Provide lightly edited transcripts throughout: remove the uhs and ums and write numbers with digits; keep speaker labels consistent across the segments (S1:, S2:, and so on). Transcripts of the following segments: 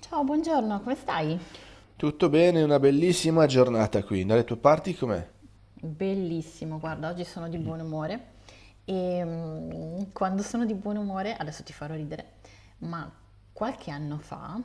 S1: Ciao, buongiorno, come stai?
S2: Tutto bene, una bellissima giornata qui. Dalle tue parti com'è?
S1: Bellissimo, guarda, oggi sono di buon umore e quando sono di buon umore, adesso ti farò ridere, ma qualche anno fa,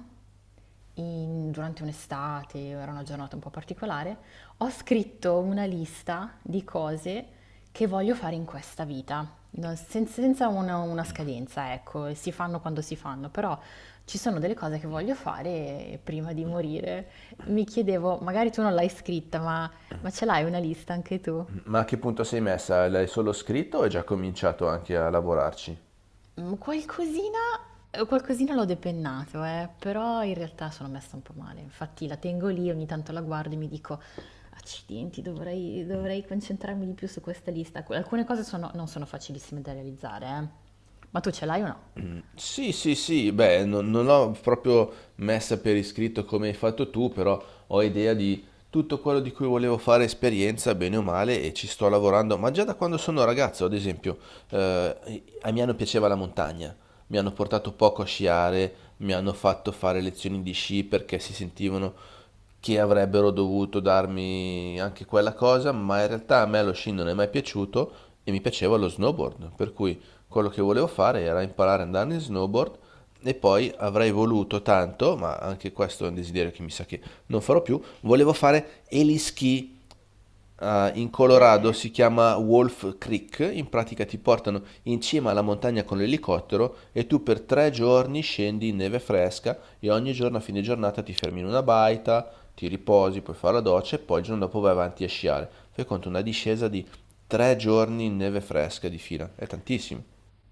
S1: durante un'estate, era una giornata un po' particolare, ho scritto una lista di cose che voglio fare in questa vita, senza una scadenza, ecco, e si fanno quando si fanno, però ci sono delle cose che voglio fare prima di morire. Mi chiedevo, magari tu non l'hai scritta, ma ce l'hai una lista anche tu?
S2: Ma a che punto sei messa? L'hai solo scritto o hai già cominciato anche a lavorarci?
S1: Mm, qualcosina, qualcosina l'ho depennato, però in realtà sono messa un po' male. Infatti la tengo lì, ogni tanto la guardo e mi dico, accidenti, dovrei concentrarmi di più su questa lista. Non sono facilissime da realizzare, eh. Ma tu ce l'hai o no?
S2: Sì, sì, sì, beh, non l'ho proprio messa per iscritto come hai fatto tu, però ho idea di tutto quello di cui volevo fare esperienza, bene o male, e ci sto lavorando, ma già da quando sono ragazzo, ad esempio, a Milano piaceva la montagna, mi hanno portato poco a sciare, mi hanno fatto fare lezioni di sci perché si sentivano che avrebbero dovuto darmi anche quella cosa, ma in realtà a me lo sci non è mai piaciuto e mi piaceva lo snowboard, per cui quello che volevo fare era imparare ad andare in snowboard, e poi avrei voluto tanto, ma anche questo è un desiderio che mi sa che non farò più, volevo fare eliski in
S1: Cos'è che?
S2: Colorado,
S1: È?
S2: si chiama Wolf Creek, in pratica ti portano in cima alla montagna con l'elicottero e tu per 3 giorni scendi in neve fresca e ogni giorno a fine giornata ti fermi in una baita, ti riposi, puoi fare la doccia e poi il giorno dopo vai avanti a sciare. Fai conto una discesa di 3 giorni in neve fresca di fila, è tantissimo.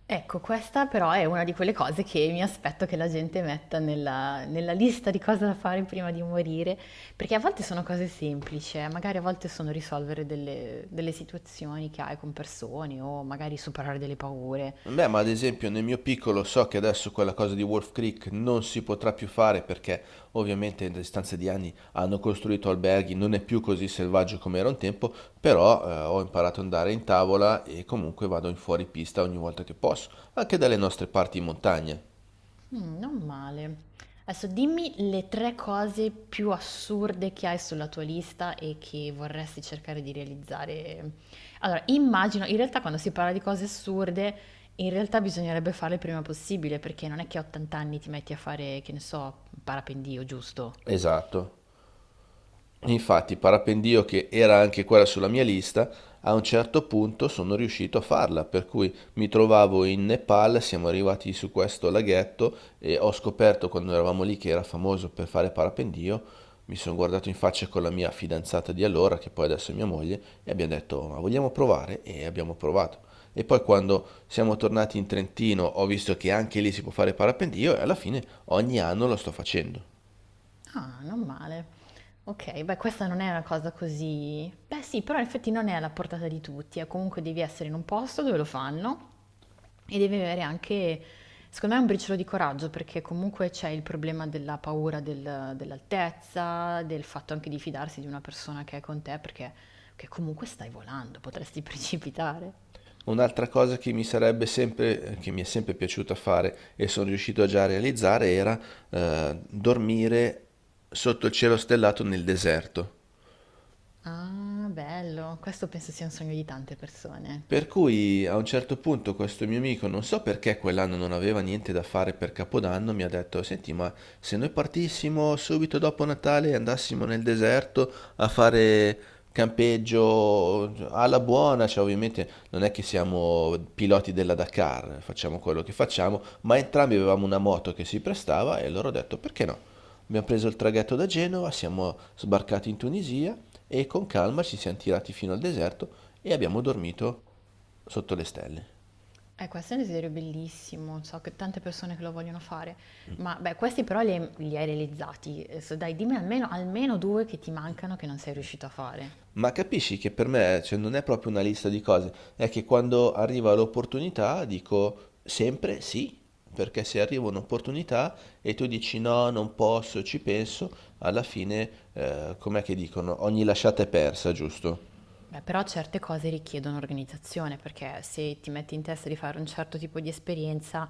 S1: Ecco, questa però è una di quelle cose che mi aspetto che la gente metta nella lista di cose da fare prima di morire, perché a volte sono cose semplici, magari a volte sono risolvere delle situazioni che hai con persone o magari superare delle paure.
S2: Beh, ma ad esempio nel mio piccolo so che adesso quella cosa di Wolf Creek non si potrà più fare perché ovviamente in distanza di anni hanno costruito alberghi, non è più così selvaggio come era un tempo, però ho imparato ad andare in tavola e comunque vado in fuori pista ogni volta che posso, anche dalle nostre parti in montagna.
S1: Non male. Adesso dimmi le 3 cose più assurde che hai sulla tua lista e che vorresti cercare di realizzare. Allora, immagino in realtà quando si parla di cose assurde, in realtà bisognerebbe farle il prima possibile, perché non è che a 80 anni ti metti a fare, che ne so, parapendio, giusto?
S2: Esatto. Infatti, parapendio che era anche quella sulla mia lista, a un certo punto sono riuscito a farla, per cui mi trovavo in Nepal, siamo arrivati su questo laghetto e ho scoperto quando eravamo lì che era famoso per fare parapendio, mi sono guardato in faccia con la mia fidanzata di allora, che poi adesso è mia moglie, e abbiamo detto ma vogliamo provare? E abbiamo provato. E poi quando siamo tornati in Trentino ho visto che anche lì si può fare parapendio e alla fine ogni anno lo sto facendo.
S1: Ah, non male. Ok, beh, questa non è una cosa così... Beh, sì, però in effetti non è alla portata di tutti, comunque devi essere in un posto dove lo fanno e devi avere anche, secondo me, un briciolo di coraggio, perché comunque c'è il problema della paura dell'altezza, del fatto anche di fidarsi di una persona che è con te, perché che comunque stai volando, potresti precipitare.
S2: Un'altra cosa che mi sarebbe sempre, che mi è sempre piaciuto fare e sono riuscito a già realizzare era dormire sotto il cielo stellato nel deserto.
S1: Ah, bello, questo penso sia un sogno di tante persone.
S2: Per cui a un certo punto questo mio amico, non so perché quell'anno non aveva niente da fare per Capodanno, mi ha detto, senti, ma se noi partissimo subito dopo Natale e andassimo nel deserto a fare campeggio alla buona, cioè ovviamente non è che siamo piloti della Dakar, facciamo quello che facciamo, ma entrambi avevamo una moto che si prestava e allora ho detto, perché no? Abbiamo preso il traghetto da Genova, siamo sbarcati in Tunisia e con calma ci siamo tirati fino al deserto e abbiamo dormito. Sotto le stelle.
S1: Questo è un desiderio bellissimo, so che tante persone che lo vogliono fare, ma beh, questi però li hai realizzati. Adesso dai, dimmi almeno due che ti mancano che non sei riuscito a fare.
S2: Ma capisci che per me, cioè, non è proprio una lista di cose, è che quando arriva l'opportunità dico sempre sì, perché se arriva un'opportunità e tu dici no, non posso, ci penso, alla fine, com'è che dicono? Ogni lasciata è persa, giusto?
S1: Beh, però certe cose richiedono organizzazione, perché se ti metti in testa di fare un certo tipo di esperienza,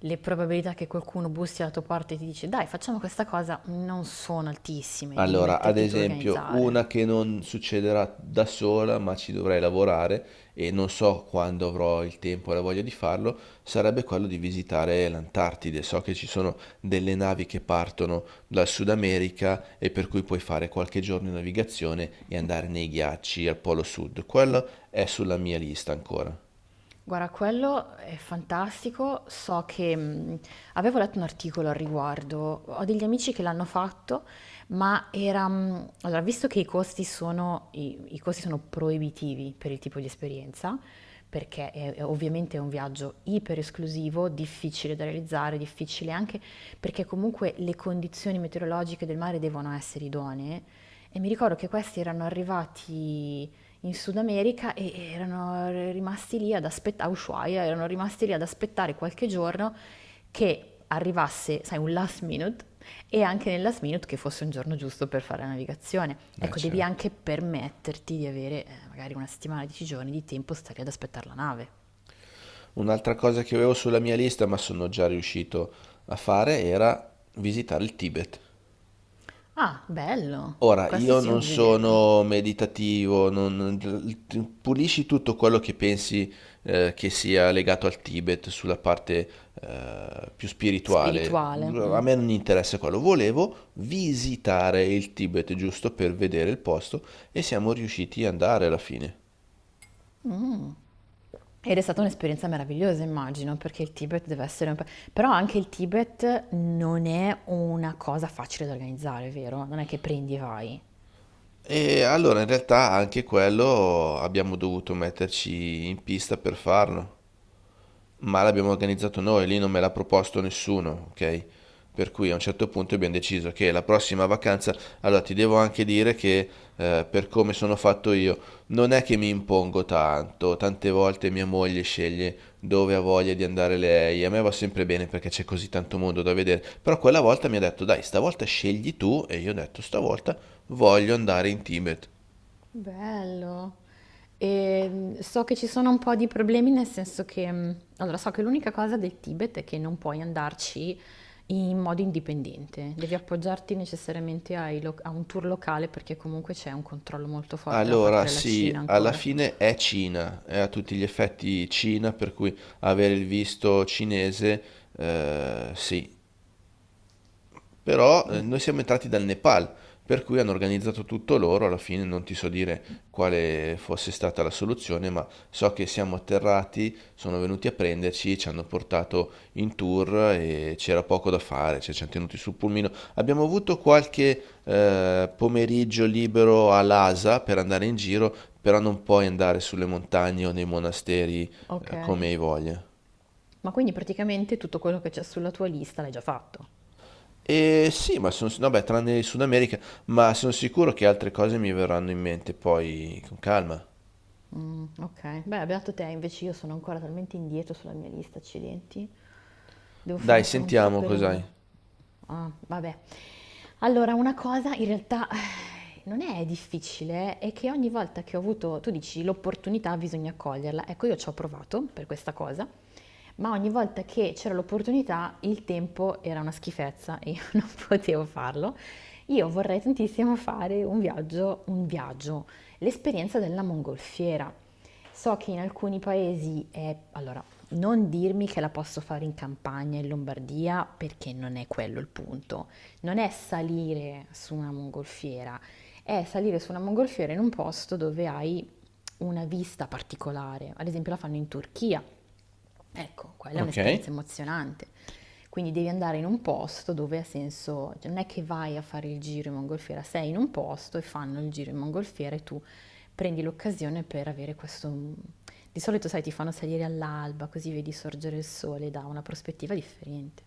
S1: le probabilità che qualcuno bussi alla tua porta e ti dice dai, facciamo questa cosa non sono altissime, devi
S2: Allora, ad
S1: metterti tu a
S2: esempio,
S1: organizzare.
S2: una che non succederà da sola, ma ci dovrei lavorare e non so quando avrò il tempo e la voglia di farlo, sarebbe quello di visitare l'Antartide. So che ci sono delle navi che partono dal Sud America e per cui puoi fare qualche giorno di navigazione e andare nei ghiacci al Polo Sud. Quello è sulla mia lista ancora.
S1: Guarda, quello è fantastico. So che avevo letto un articolo al riguardo, ho degli amici che l'hanno fatto, ma era... allora, visto che i costi sono, i costi sono proibitivi per il tipo di esperienza, perché è ovviamente è un viaggio iper esclusivo, difficile da realizzare, difficile anche perché comunque le condizioni meteorologiche del mare devono essere idonee. E mi ricordo che questi erano arrivati in Sud America e erano rimasti lì ad aspettare, Ushuaia, erano rimasti lì ad aspettare qualche giorno che arrivasse, sai, un last minute e anche nel last minute che fosse un giorno giusto per fare la navigazione.
S2: Eh
S1: Ecco, devi
S2: certo.
S1: anche permetterti di avere magari una settimana, 10 giorni di tempo stare ad aspettare la nave.
S2: Un'altra cosa che avevo sulla mia lista, ma sono già riuscito a fare, era visitare il Tibet.
S1: Ah, bello!
S2: Ora,
S1: Questo
S2: io
S1: sì è un
S2: non
S1: desiderio
S2: sono meditativo, pulisci tutto quello che pensi che sia legato al Tibet sulla parte più spirituale.
S1: spirituale.
S2: A
S1: Mm.
S2: me non interessa quello. Volevo visitare il Tibet giusto per vedere il posto e siamo riusciti ad andare alla fine.
S1: Mh. Ed è stata un'esperienza meravigliosa immagino, perché il Tibet deve essere un pa però anche il Tibet non è una cosa facile da organizzare, vero? Non è che prendi e vai.
S2: E allora in realtà anche quello abbiamo dovuto metterci in pista per farlo. Ma l'abbiamo organizzato noi, lì non me l'ha proposto nessuno, ok? Per cui a un certo punto abbiamo deciso che la prossima vacanza, allora ti devo anche dire che per come sono fatto io, non è che mi impongo tanto, tante volte mia moglie sceglie dove ha voglia di andare lei, a me va sempre bene perché c'è così tanto mondo da vedere, però quella volta mi ha detto dai, stavolta scegli tu e io ho detto stavolta voglio andare in Tibet.
S1: Bello. So che ci sono un po' di problemi nel senso che, mhmm, allora so che l'unica cosa del Tibet è che non puoi andarci in modo indipendente, devi appoggiarti necessariamente ai loc a un tour locale perché comunque c'è un controllo molto forte da
S2: Allora,
S1: parte della Cina
S2: sì, alla
S1: ancora.
S2: fine è Cina, è a tutti gli effetti Cina, per cui avere il visto cinese, sì, però
S1: Mh,
S2: noi siamo entrati dal Nepal, per cui hanno organizzato tutto loro, alla fine non ti so dire quale fosse stata la soluzione, ma so che siamo atterrati, sono venuti a prenderci, ci hanno portato in tour e c'era poco da fare, cioè ci hanno tenuti sul pulmino. Abbiamo avuto qualche pomeriggio libero a Lhasa per andare in giro, però non puoi andare sulle montagne o nei monasteri
S1: okay.
S2: come hai voglia.
S1: Ma quindi praticamente tutto quello che c'è sulla tua lista l'hai già fatto?
S2: E sì, ma sono, no, beh, tranne il Sud America, ma sono sicuro che altre cose mi verranno in mente poi con calma.
S1: Mm, ok, beh, beato te, invece io sono ancora talmente indietro sulla mia lista, accidenti. Devo fare
S2: Dai,
S1: ancora un
S2: sentiamo
S1: sacco di
S2: cos'hai.
S1: lavoro. Ah, vabbè. Allora, una cosa in realtà non è difficile, è che ogni volta che ho avuto, tu dici, l'opportunità bisogna coglierla. Ecco, io ci ho provato per questa cosa. Ma ogni volta che c'era l'opportunità, il tempo era una schifezza e io non potevo farlo. Io vorrei tantissimo fare un viaggio, l'esperienza della mongolfiera. So che in alcuni paesi è... Allora, non dirmi che la posso fare in campagna, in Lombardia, perché non è quello il punto. Non è salire su una mongolfiera, è salire su una mongolfiera in un posto dove hai una vista particolare. Ad esempio la fanno in Turchia, ecco, quella è
S2: Ok?
S1: un'esperienza emozionante. Quindi devi andare in un posto dove ha senso, cioè, non è che vai a fare il giro in mongolfiera, sei in un posto e fanno il giro in mongolfiera e tu prendi l'occasione per avere questo... mm, di solito, sai, ti fanno salire all'alba, così vedi sorgere il sole da una prospettiva differente.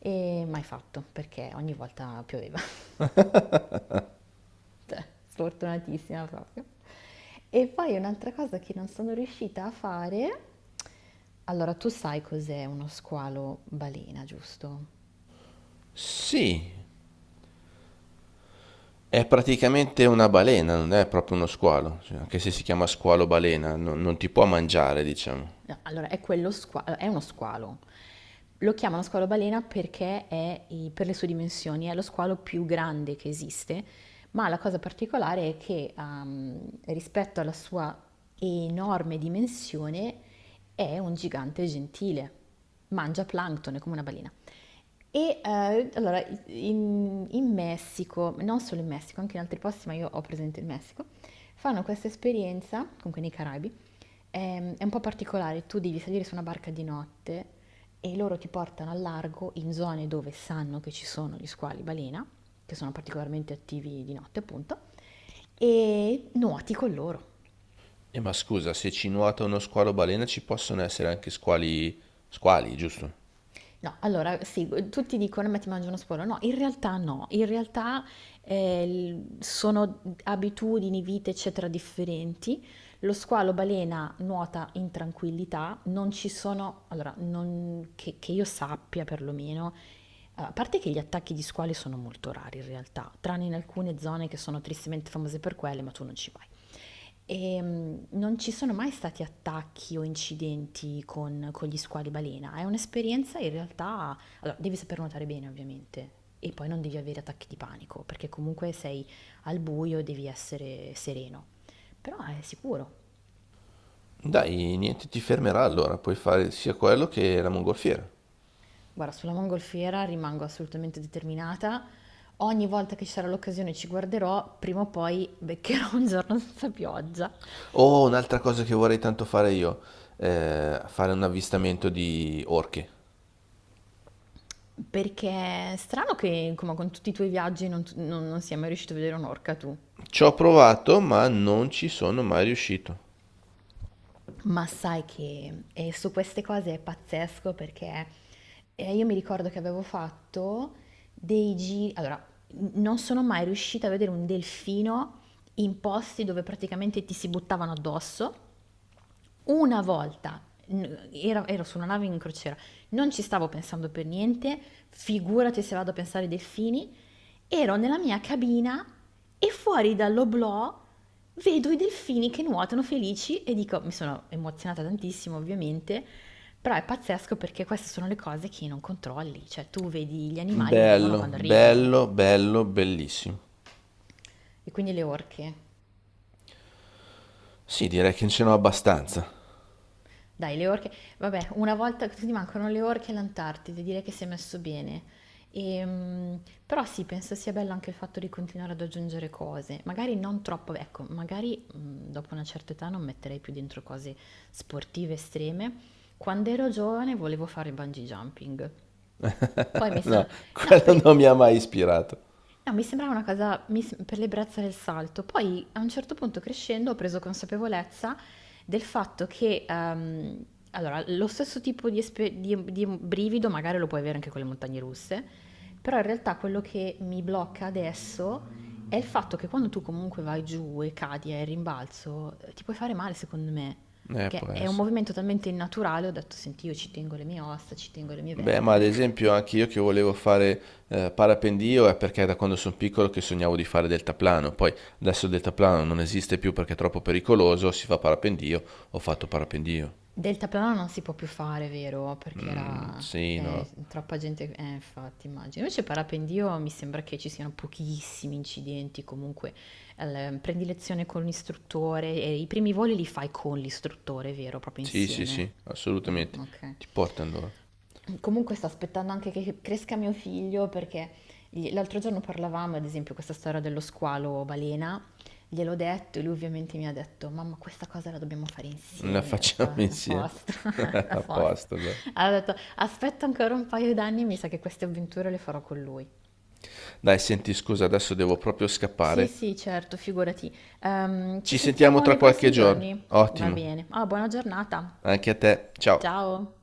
S1: E mai fatto, perché ogni volta pioveva. Cioè, sfortunatissima proprio. E poi un'altra cosa che non sono riuscita a fare, allora tu sai cos'è uno squalo balena, giusto?
S2: Sì, è praticamente una balena, non è proprio uno squalo, cioè, anche se si chiama squalo balena, non, non ti può mangiare, diciamo.
S1: No, allora è quello squalo, è uno squalo. Lo chiamano squalo balena perché per le sue dimensioni è lo squalo più grande che esiste, ma la cosa particolare è che rispetto alla sua enorme dimensione è un gigante gentile, mangia plancton, è come una balena. E allora, in Messico, non solo in Messico, anche in altri posti, ma io ho presente il Messico, fanno questa esperienza, comunque nei Caraibi, è un po' particolare, tu devi salire su una barca di notte e loro ti portano al largo in zone dove sanno che ci sono gli squali balena, che sono particolarmente attivi di notte appunto, e nuoti con loro.
S2: E ma scusa, se ci nuota uno squalo balena ci possono essere anche squali, giusto?
S1: No, allora sì, tutti dicono: "Ma ti mangi uno sporo". No, in realtà no, in realtà, sono abitudini, vite, eccetera, differenti. Lo squalo balena nuota in tranquillità, non ci sono allora, non che io sappia perlomeno, eh, a parte che gli attacchi di squali sono molto rari in realtà, tranne in alcune zone che sono tristemente famose per quelle, ma tu non ci vai. E non ci sono mai stati attacchi o incidenti con gli squali balena. È un'esperienza in realtà. Allora, devi saper nuotare bene, ovviamente, e poi non devi avere attacchi di panico, perché comunque sei al buio e devi essere sereno. Però è sicuro.
S2: Dai, niente ti fermerà allora, puoi fare sia quello che la mongolfiera.
S1: Guarda, sulla mongolfiera rimango assolutamente determinata. Ogni volta che ci sarà l'occasione ci guarderò, prima o poi beccherò un giorno senza pioggia.
S2: Oh, un'altra cosa che vorrei tanto fare io, fare un avvistamento di orche.
S1: Perché è strano che, come con tutti i tuoi viaggi, non, tu- non- non sia mai riuscito a vedere un'orca tu.
S2: Ci ho provato, ma non ci sono mai riuscito.
S1: Ma sai che su queste cose è pazzesco perché io mi ricordo che avevo fatto dei giri, allora non sono mai riuscita a vedere un delfino in posti dove praticamente ti si buttavano addosso. Una volta ero su una nave in crociera, non ci stavo pensando per niente, figurati se vado a pensare ai delfini. Ero nella mia cabina e fuori dall'oblò vedo i delfini che nuotano felici e dico, mi sono emozionata tantissimo ovviamente, però è pazzesco perché queste sono le cose che non controlli, cioè tu vedi gli animali arrivano
S2: Bello,
S1: quando arrivano
S2: bello, bello, bellissimo.
S1: e quindi le orche.
S2: Sì, direi che ce n'ho abbastanza.
S1: Dai, le orche, vabbè, una volta che ti mancano le orche e l'Antartide, direi che si è messo bene. Però sì, penso sia bello anche il fatto di continuare ad aggiungere cose, magari non troppo, ecco, magari dopo una certa età non metterei più dentro cose sportive estreme. Quando ero giovane volevo fare bungee jumping. Poi mi
S2: No,
S1: sono... No,
S2: quello non
S1: per-
S2: mi ha mai ispirato.
S1: No, mi sembrava una cosa per l'ebbrezza del salto. Poi a un certo punto crescendo ho preso consapevolezza del fatto che, allora, lo stesso tipo di brivido magari lo puoi avere anche con le montagne russe, però in realtà quello che mi blocca adesso è il fatto che quando tu comunque vai giù e cadi e rimbalzo, ti puoi fare male secondo me,
S2: Può
S1: perché è un
S2: essere.
S1: movimento talmente innaturale, ho detto, senti, io ci tengo le mie ossa, ci tengo le mie
S2: Beh, ma ad
S1: vertebre.
S2: esempio anche io che volevo fare parapendio è perché da quando sono piccolo che sognavo di fare deltaplano. Poi adesso il deltaplano non esiste più perché è troppo pericoloso, si fa parapendio, ho fatto parapendio.
S1: Deltaplano non si può più fare, vero? Perché
S2: Mm,
S1: era
S2: sì, no.
S1: troppa gente, infatti, immagino. Invece parapendio mi sembra che ci siano pochissimi incidenti, comunque prendi lezione con l'istruttore e i primi voli li fai con l'istruttore, vero? Proprio
S2: Sì, sì, sì,
S1: insieme. Mm,
S2: assolutamente.
S1: ok.
S2: Ti porto allora.
S1: Comunque sto aspettando anche che cresca mio figlio perché l'altro giorno parlavamo, ad esempio, questa storia dello squalo balena. Gliel'ho detto e lui ovviamente mi ha detto: "Mamma questa cosa la dobbiamo fare
S2: La
S1: insieme". E ho detto:
S2: facciamo
S1: "Ah, a
S2: insieme.
S1: posto, a
S2: A
S1: posto".
S2: posto allora.
S1: Allora ho detto: "Aspetta ancora un paio d'anni, mi sa che queste avventure le farò con lui".
S2: Dai, senti, scusa, adesso devo proprio
S1: Sì,
S2: scappare.
S1: sì, certo, figurati. Ci
S2: Ci sentiamo
S1: sentiamo
S2: tra
S1: nei
S2: qualche
S1: prossimi
S2: giorno.
S1: giorni? Va
S2: Ottimo.
S1: bene. Ah, buona giornata.
S2: Anche a te. Ciao.
S1: Ciao.